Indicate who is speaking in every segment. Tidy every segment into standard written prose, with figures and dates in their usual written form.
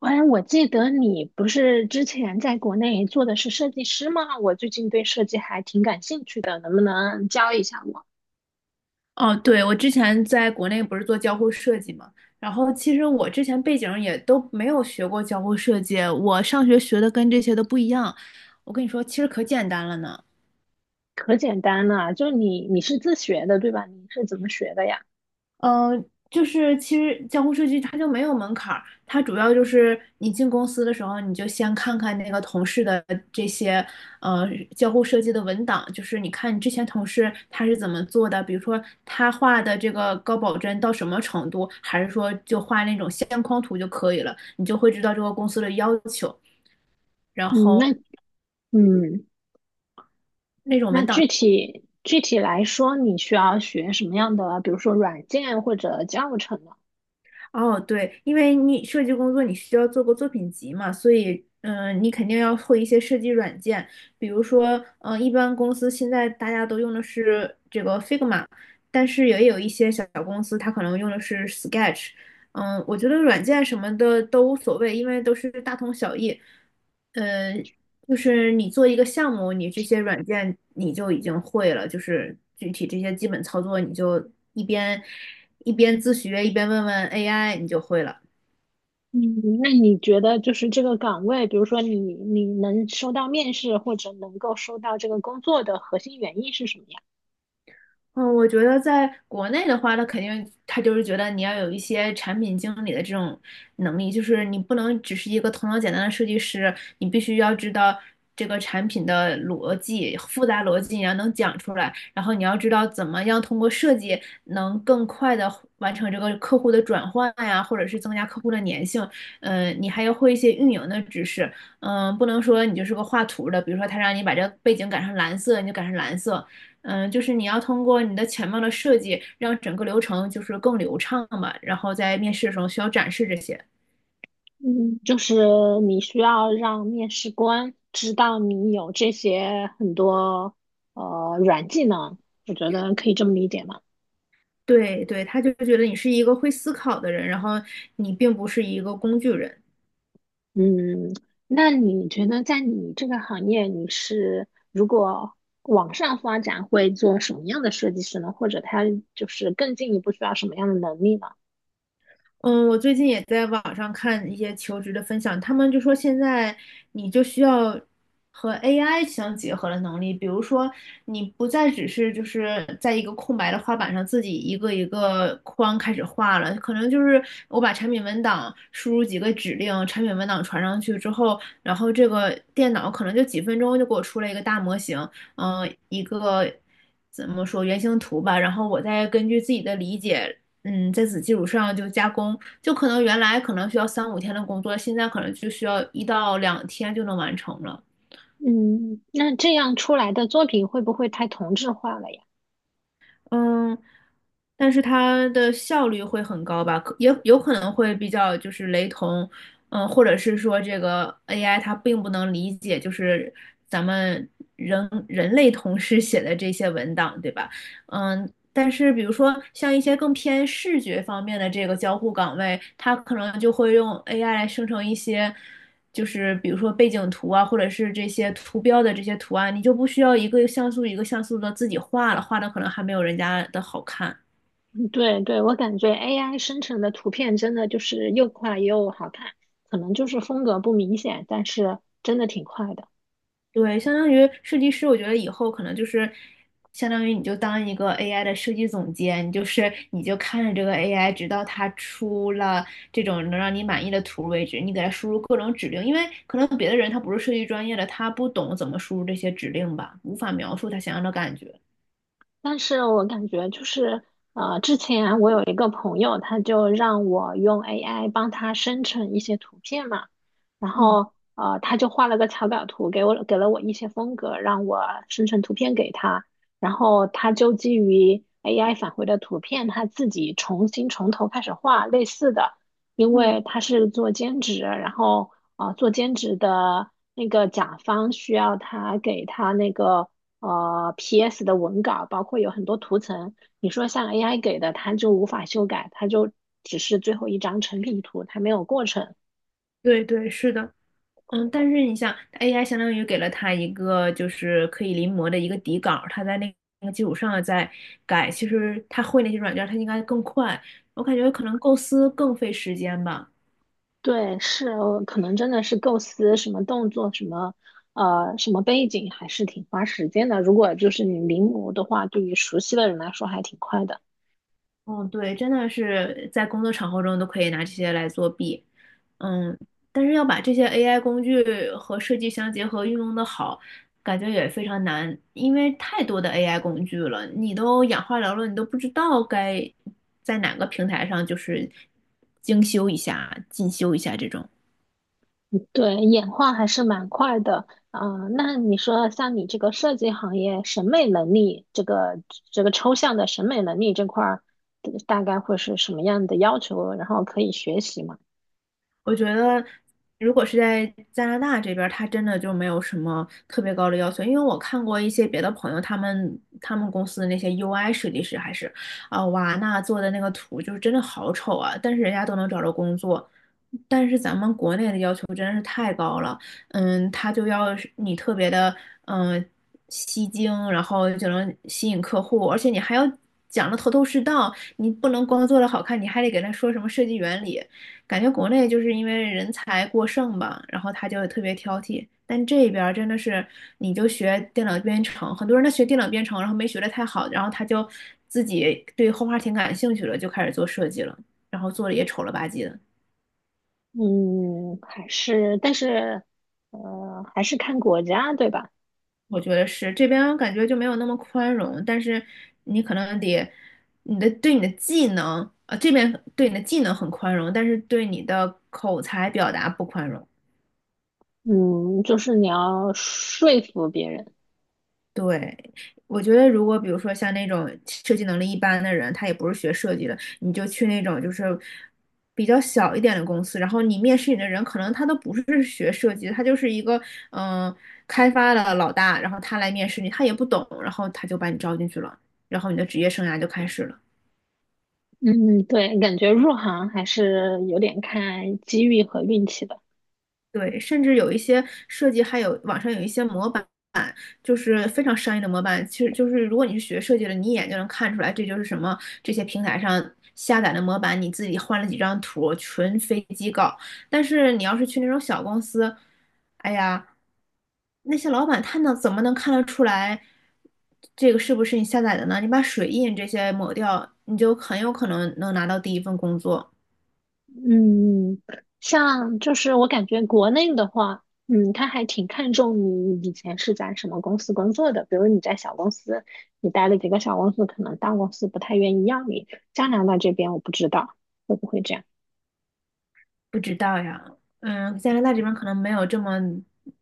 Speaker 1: 哎，我记得你不是之前在国内做的是设计师吗？我最近对设计还挺感兴趣的，能不能教一下我？
Speaker 2: 哦，对，我之前在国内不是做交互设计嘛，然后其实我之前背景也都没有学过交互设计，我上学学的跟这些都不一样。我跟你说，其实可简单了呢。
Speaker 1: 可简单了，就你是自学的对吧？你是怎么学的呀？
Speaker 2: 嗯，就是其实交互设计它就没有门槛儿，它主要就是你进公司的时候，你就先看看那个同事的这些呃交互设计的文档，就是你看你之前同事他是怎么做的，比如说他画的这个高保真到什么程度，还是说就画那种线框图就可以了，你就会知道这个公司的要求，然
Speaker 1: 嗯，
Speaker 2: 后。
Speaker 1: 那嗯，
Speaker 2: 那种
Speaker 1: 那
Speaker 2: 文档。
Speaker 1: 具体来说，你需要学什么样的，比如说软件或者教程呢？
Speaker 2: 哦，对，因为你设计工作你需要做个作品集嘛，所以你肯定要会一些设计软件，比如说一般公司现在大家都用的是这个 Figma，但是也有一些小公司它可能用的是 Sketch，我觉得软件什么的都无所谓，因为都是大同小异。嗯。就是你做一个项目，你这些软件你就已经会了，就是具体这些基本操作，你就一边自学，一边问问 AI，你就会了。
Speaker 1: 嗯，那你觉得就是这个岗位，比如说你能收到面试或者能够收到这个工作的核心原因是什么呀？
Speaker 2: 嗯，我觉得在国内的话，他肯定他就是觉得你要有一些产品经理的这种能力，就是你不能只是一个头脑简单的设计师，你必须要知道这个产品的逻辑、复杂逻辑，你要能讲出来，然后你要知道怎么样通过设计能更快的完成这个客户的转换呀，或者是增加客户的粘性。嗯，你还要会一些运营的知识，嗯，不能说你就是个画图的，比如说他让你把这个背景改成蓝色，你就改成蓝色。嗯，就是你要通过你的前面的设计，让整个流程就是更流畅嘛，然后在面试的时候需要展示这些。
Speaker 1: 嗯，就是你需要让面试官知道你有这些很多软技能，我觉得可以这么理解嘛。
Speaker 2: 对对，他就觉得你是一个会思考的人，然后你并不是一个工具人。
Speaker 1: 嗯，那你觉得在你这个行业，你是如果往上发展会做什么样的设计师呢？或者他就是更进一步需要什么样的能力呢？
Speaker 2: 嗯，我最近也在网上看一些求职的分享，他们就说现在你就需要和 AI 相结合的能力，比如说你不再只是就是在一个空白的画板上自己一个一个框开始画了，可能就是我把产品文档输入几个指令，产品文档传上去之后，然后这个电脑可能就几分钟就给我出了一个大模型，嗯、一个。怎么说原型图吧，然后我再根据自己的理解在此基础上就加工，就可能原来可能需要三五天的工作，现在可能就需要1到2天就能完成了。
Speaker 1: 嗯，那这样出来的作品会不会太同质化了呀？
Speaker 2: 嗯，但是它的效率会很高吧？可也有可能会比较就是雷同，嗯，或者是说这个 AI 它并不能理解就是咱们人类同事写的这些文档，对吧？嗯。但是，比如说像一些更偏视觉方面的这个交互岗位，它可能就会用 AI 来生成一些。就是比如说背景图啊，或者是这些图标的这些图案，你就不需要一个像素一个像素的自己画了，画的可能还没有人家的好看。
Speaker 1: 对对，我感觉 AI 生成的图片真的就是又快又好看，可能就是风格不明显，但是真的挺快的。
Speaker 2: 对，相当于设计师，我觉得以后可能就是相当于你就当一个 AI 的设计总监，你就是你就看着这个 AI，直到它出了这种能让你满意的图为止，你给它输入各种指令，因为可能别的人他不是设计专业的，他不懂怎么输入这些指令吧，无法描述他想要的感觉。
Speaker 1: 但是我感觉就是，之前我有一个朋友，他就让我用 AI 帮他生成一些图片嘛，然
Speaker 2: 嗯
Speaker 1: 后他就画了个草稿图给我，给了我一些风格，让我生成图片给他，然后他就基于 AI 返回的图片，他自己重新从头开始画类似的，因
Speaker 2: 嗯，
Speaker 1: 为他是做兼职，然后做兼职的那个甲方需要他给他那个。呃 PS 的文稿，包括有很多图层。你说像 AI 给的，它就无法修改，它就只是最后一张成品图，它没有过程。
Speaker 2: 对对，是的。嗯，但是你像 AI 相当于给了他一个就是可以临摹的一个底稿，他在那个基础上再改，其实他会那些软件他应该更快。我感觉可能构思更费时间吧。
Speaker 1: 对，是，可能真的是构思什么动作，什么什么背景，还是挺花时间的。如果就是你临摹的话，对于熟悉的人来说还挺快的。
Speaker 2: 嗯，对，真的是在工作场合中都可以拿这些来作弊，嗯，但是要把这些 AI 工具和设计相结合，运用的好，感觉也非常难，因为太多的 AI 工具了，你都眼花缭乱，你都不知道该在哪个平台上就是精修一下、进修一下这种。
Speaker 1: 对，演化还是蛮快的。啊。那你说像你这个设计行业，审美能力这个抽象的审美能力这块儿，大概会是什么样的要求？然后可以学习吗？
Speaker 2: 我觉得，如果是在加拿大这边儿他真的就没有什么特别高的要求，因为我看过一些别的朋友，他们公司的那些 UI 设计师还是，啊、哇，那做的那个图就是真的好丑啊，但是人家都能找着工作。但是咱们国内的要求真是太高了，嗯，他就要是你特别的，嗯，吸睛，然后就能吸引客户，而且你还要讲的头头是道，你不能光做的好看，你还得给他说什么设计原理。感觉国内就是因为人才过剩吧，然后他就特别挑剔。但这边儿真的是，你就学电脑编程，很多人他学电脑编程，然后没学得太好，然后他就自己对画画挺感兴趣了，就开始做设计了，然后做的也丑了吧唧的。
Speaker 1: 嗯，还是，但是，还是看国家，对吧？
Speaker 2: 我觉得是这边感觉就没有那么宽容，但是你可能得你的对你的技能啊，这边对你的技能很宽容，但是对你的口才表达不宽容。
Speaker 1: 嗯，就是你要说服别人。
Speaker 2: 对，我觉得如果比如说像那种设计能力一般的人，他也不是学设计的，你就去那种就是比较小一点的公司，然后你面试你的人可能他都不是学设计的，他就是一个嗯、呃开发的老大，然后他来面试你，他也不懂，然后他就把你招进去了，然后你的职业生涯就开始了。
Speaker 1: 嗯，对，感觉入行还是有点看机遇和运气的。
Speaker 2: 对，甚至有一些设计，还有网上有一些模板，就是非常商业的模板。其实就是如果你是学设计的，你一眼就能看出来，这就是什么这些平台上下载的模板，你自己换了几张图，纯飞机稿。但是你要是去那种小公司，哎呀，那些老板他能怎么能看得出来这个是不是你下载的呢？你把水印这些抹掉，你就很有可能能拿到第一份工作。
Speaker 1: 嗯，像就是我感觉国内的话，嗯，他还挺看重你以前是在什么公司工作的。比如你在小公司，你待了几个小公司，可能大公司不太愿意要你。加拿大这边我不知道会不会这样，
Speaker 2: 不知道呀，嗯，加拿大这边可能没有这么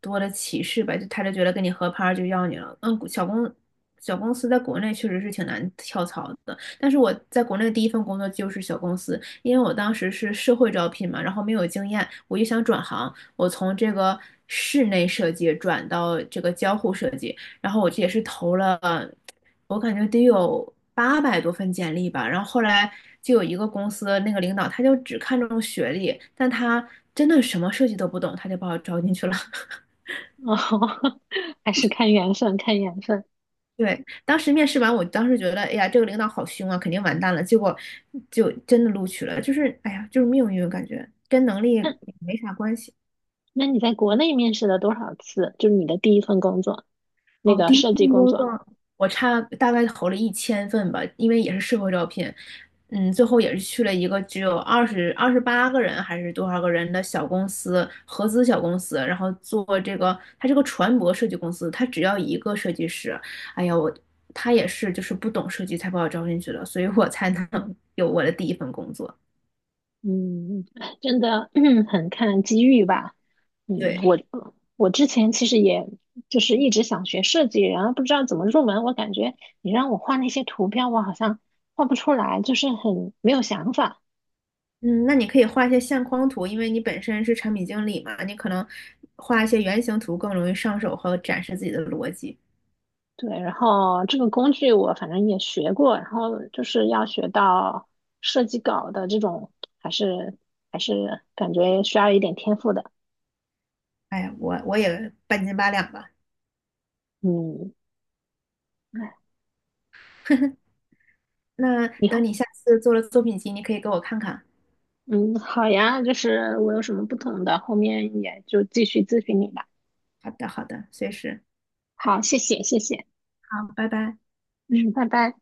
Speaker 2: 多的歧视吧，就他就觉得跟你合拍儿就要你了。嗯，小公司在国内确实是挺难跳槽的，但是我在国内第一份工作就是小公司，因为我当时是社会招聘嘛，然后没有经验，我就想转行，我从这个室内设计转到这个交互设计，然后我这也是投了。我感觉得有800多份简历吧，然后后来就有一个公司那个领导，他就只看重学历，但他真的什么设计都不懂，他就把我招进去了。
Speaker 1: 哦，还是看缘分，看缘分。
Speaker 2: 对，当时面试完，我当时觉得，哎呀，这个领导好凶啊，肯定完蛋了。结果就真的录取了，就是，哎呀，就是命运，感觉跟能力也
Speaker 1: 那
Speaker 2: 没啥关系。
Speaker 1: 那你在国内面试了多少次？就是你的第一份工作，那
Speaker 2: 哦，
Speaker 1: 个
Speaker 2: 第一
Speaker 1: 设
Speaker 2: 份
Speaker 1: 计工
Speaker 2: 工
Speaker 1: 作。
Speaker 2: 作我差大概投了1000份吧，因为也是社会招聘，嗯，最后也是去了一个只有二十八个人还是多少个人的小公司，合资小公司，然后做这个，它是个船舶设计公司，它只要一个设计师，哎呀，他也是就是不懂设计才把我招进去的，所以我才能 有我的第一份工作。
Speaker 1: 嗯，真的，很看机遇吧。嗯，
Speaker 2: 对，
Speaker 1: 我我之前其实也就是一直想学设计，然后不知道怎么入门。我感觉你让我画那些图标，我好像画不出来，就是很没有想法。
Speaker 2: 嗯，那你可以画一些相框图，因为你本身是产品经理嘛，你可能画一些原型图更容易上手和展示自己的逻辑。
Speaker 1: 对，然后这个工具我反正也学过，然后就是要学到设计稿的这种，还是还是感觉需要一点天赋的。
Speaker 2: 哎呀我也半斤八两吧。
Speaker 1: 嗯，哎，
Speaker 2: 那
Speaker 1: 以
Speaker 2: 等
Speaker 1: 后。
Speaker 2: 你下次做了作品集，你可以给我看看。
Speaker 1: 嗯，好呀，就是我有什么不懂的，后面也就继续咨询你吧。
Speaker 2: 好的，好的，随时。
Speaker 1: 好，谢谢，谢谢，
Speaker 2: 好，拜拜。
Speaker 1: 嗯，拜拜。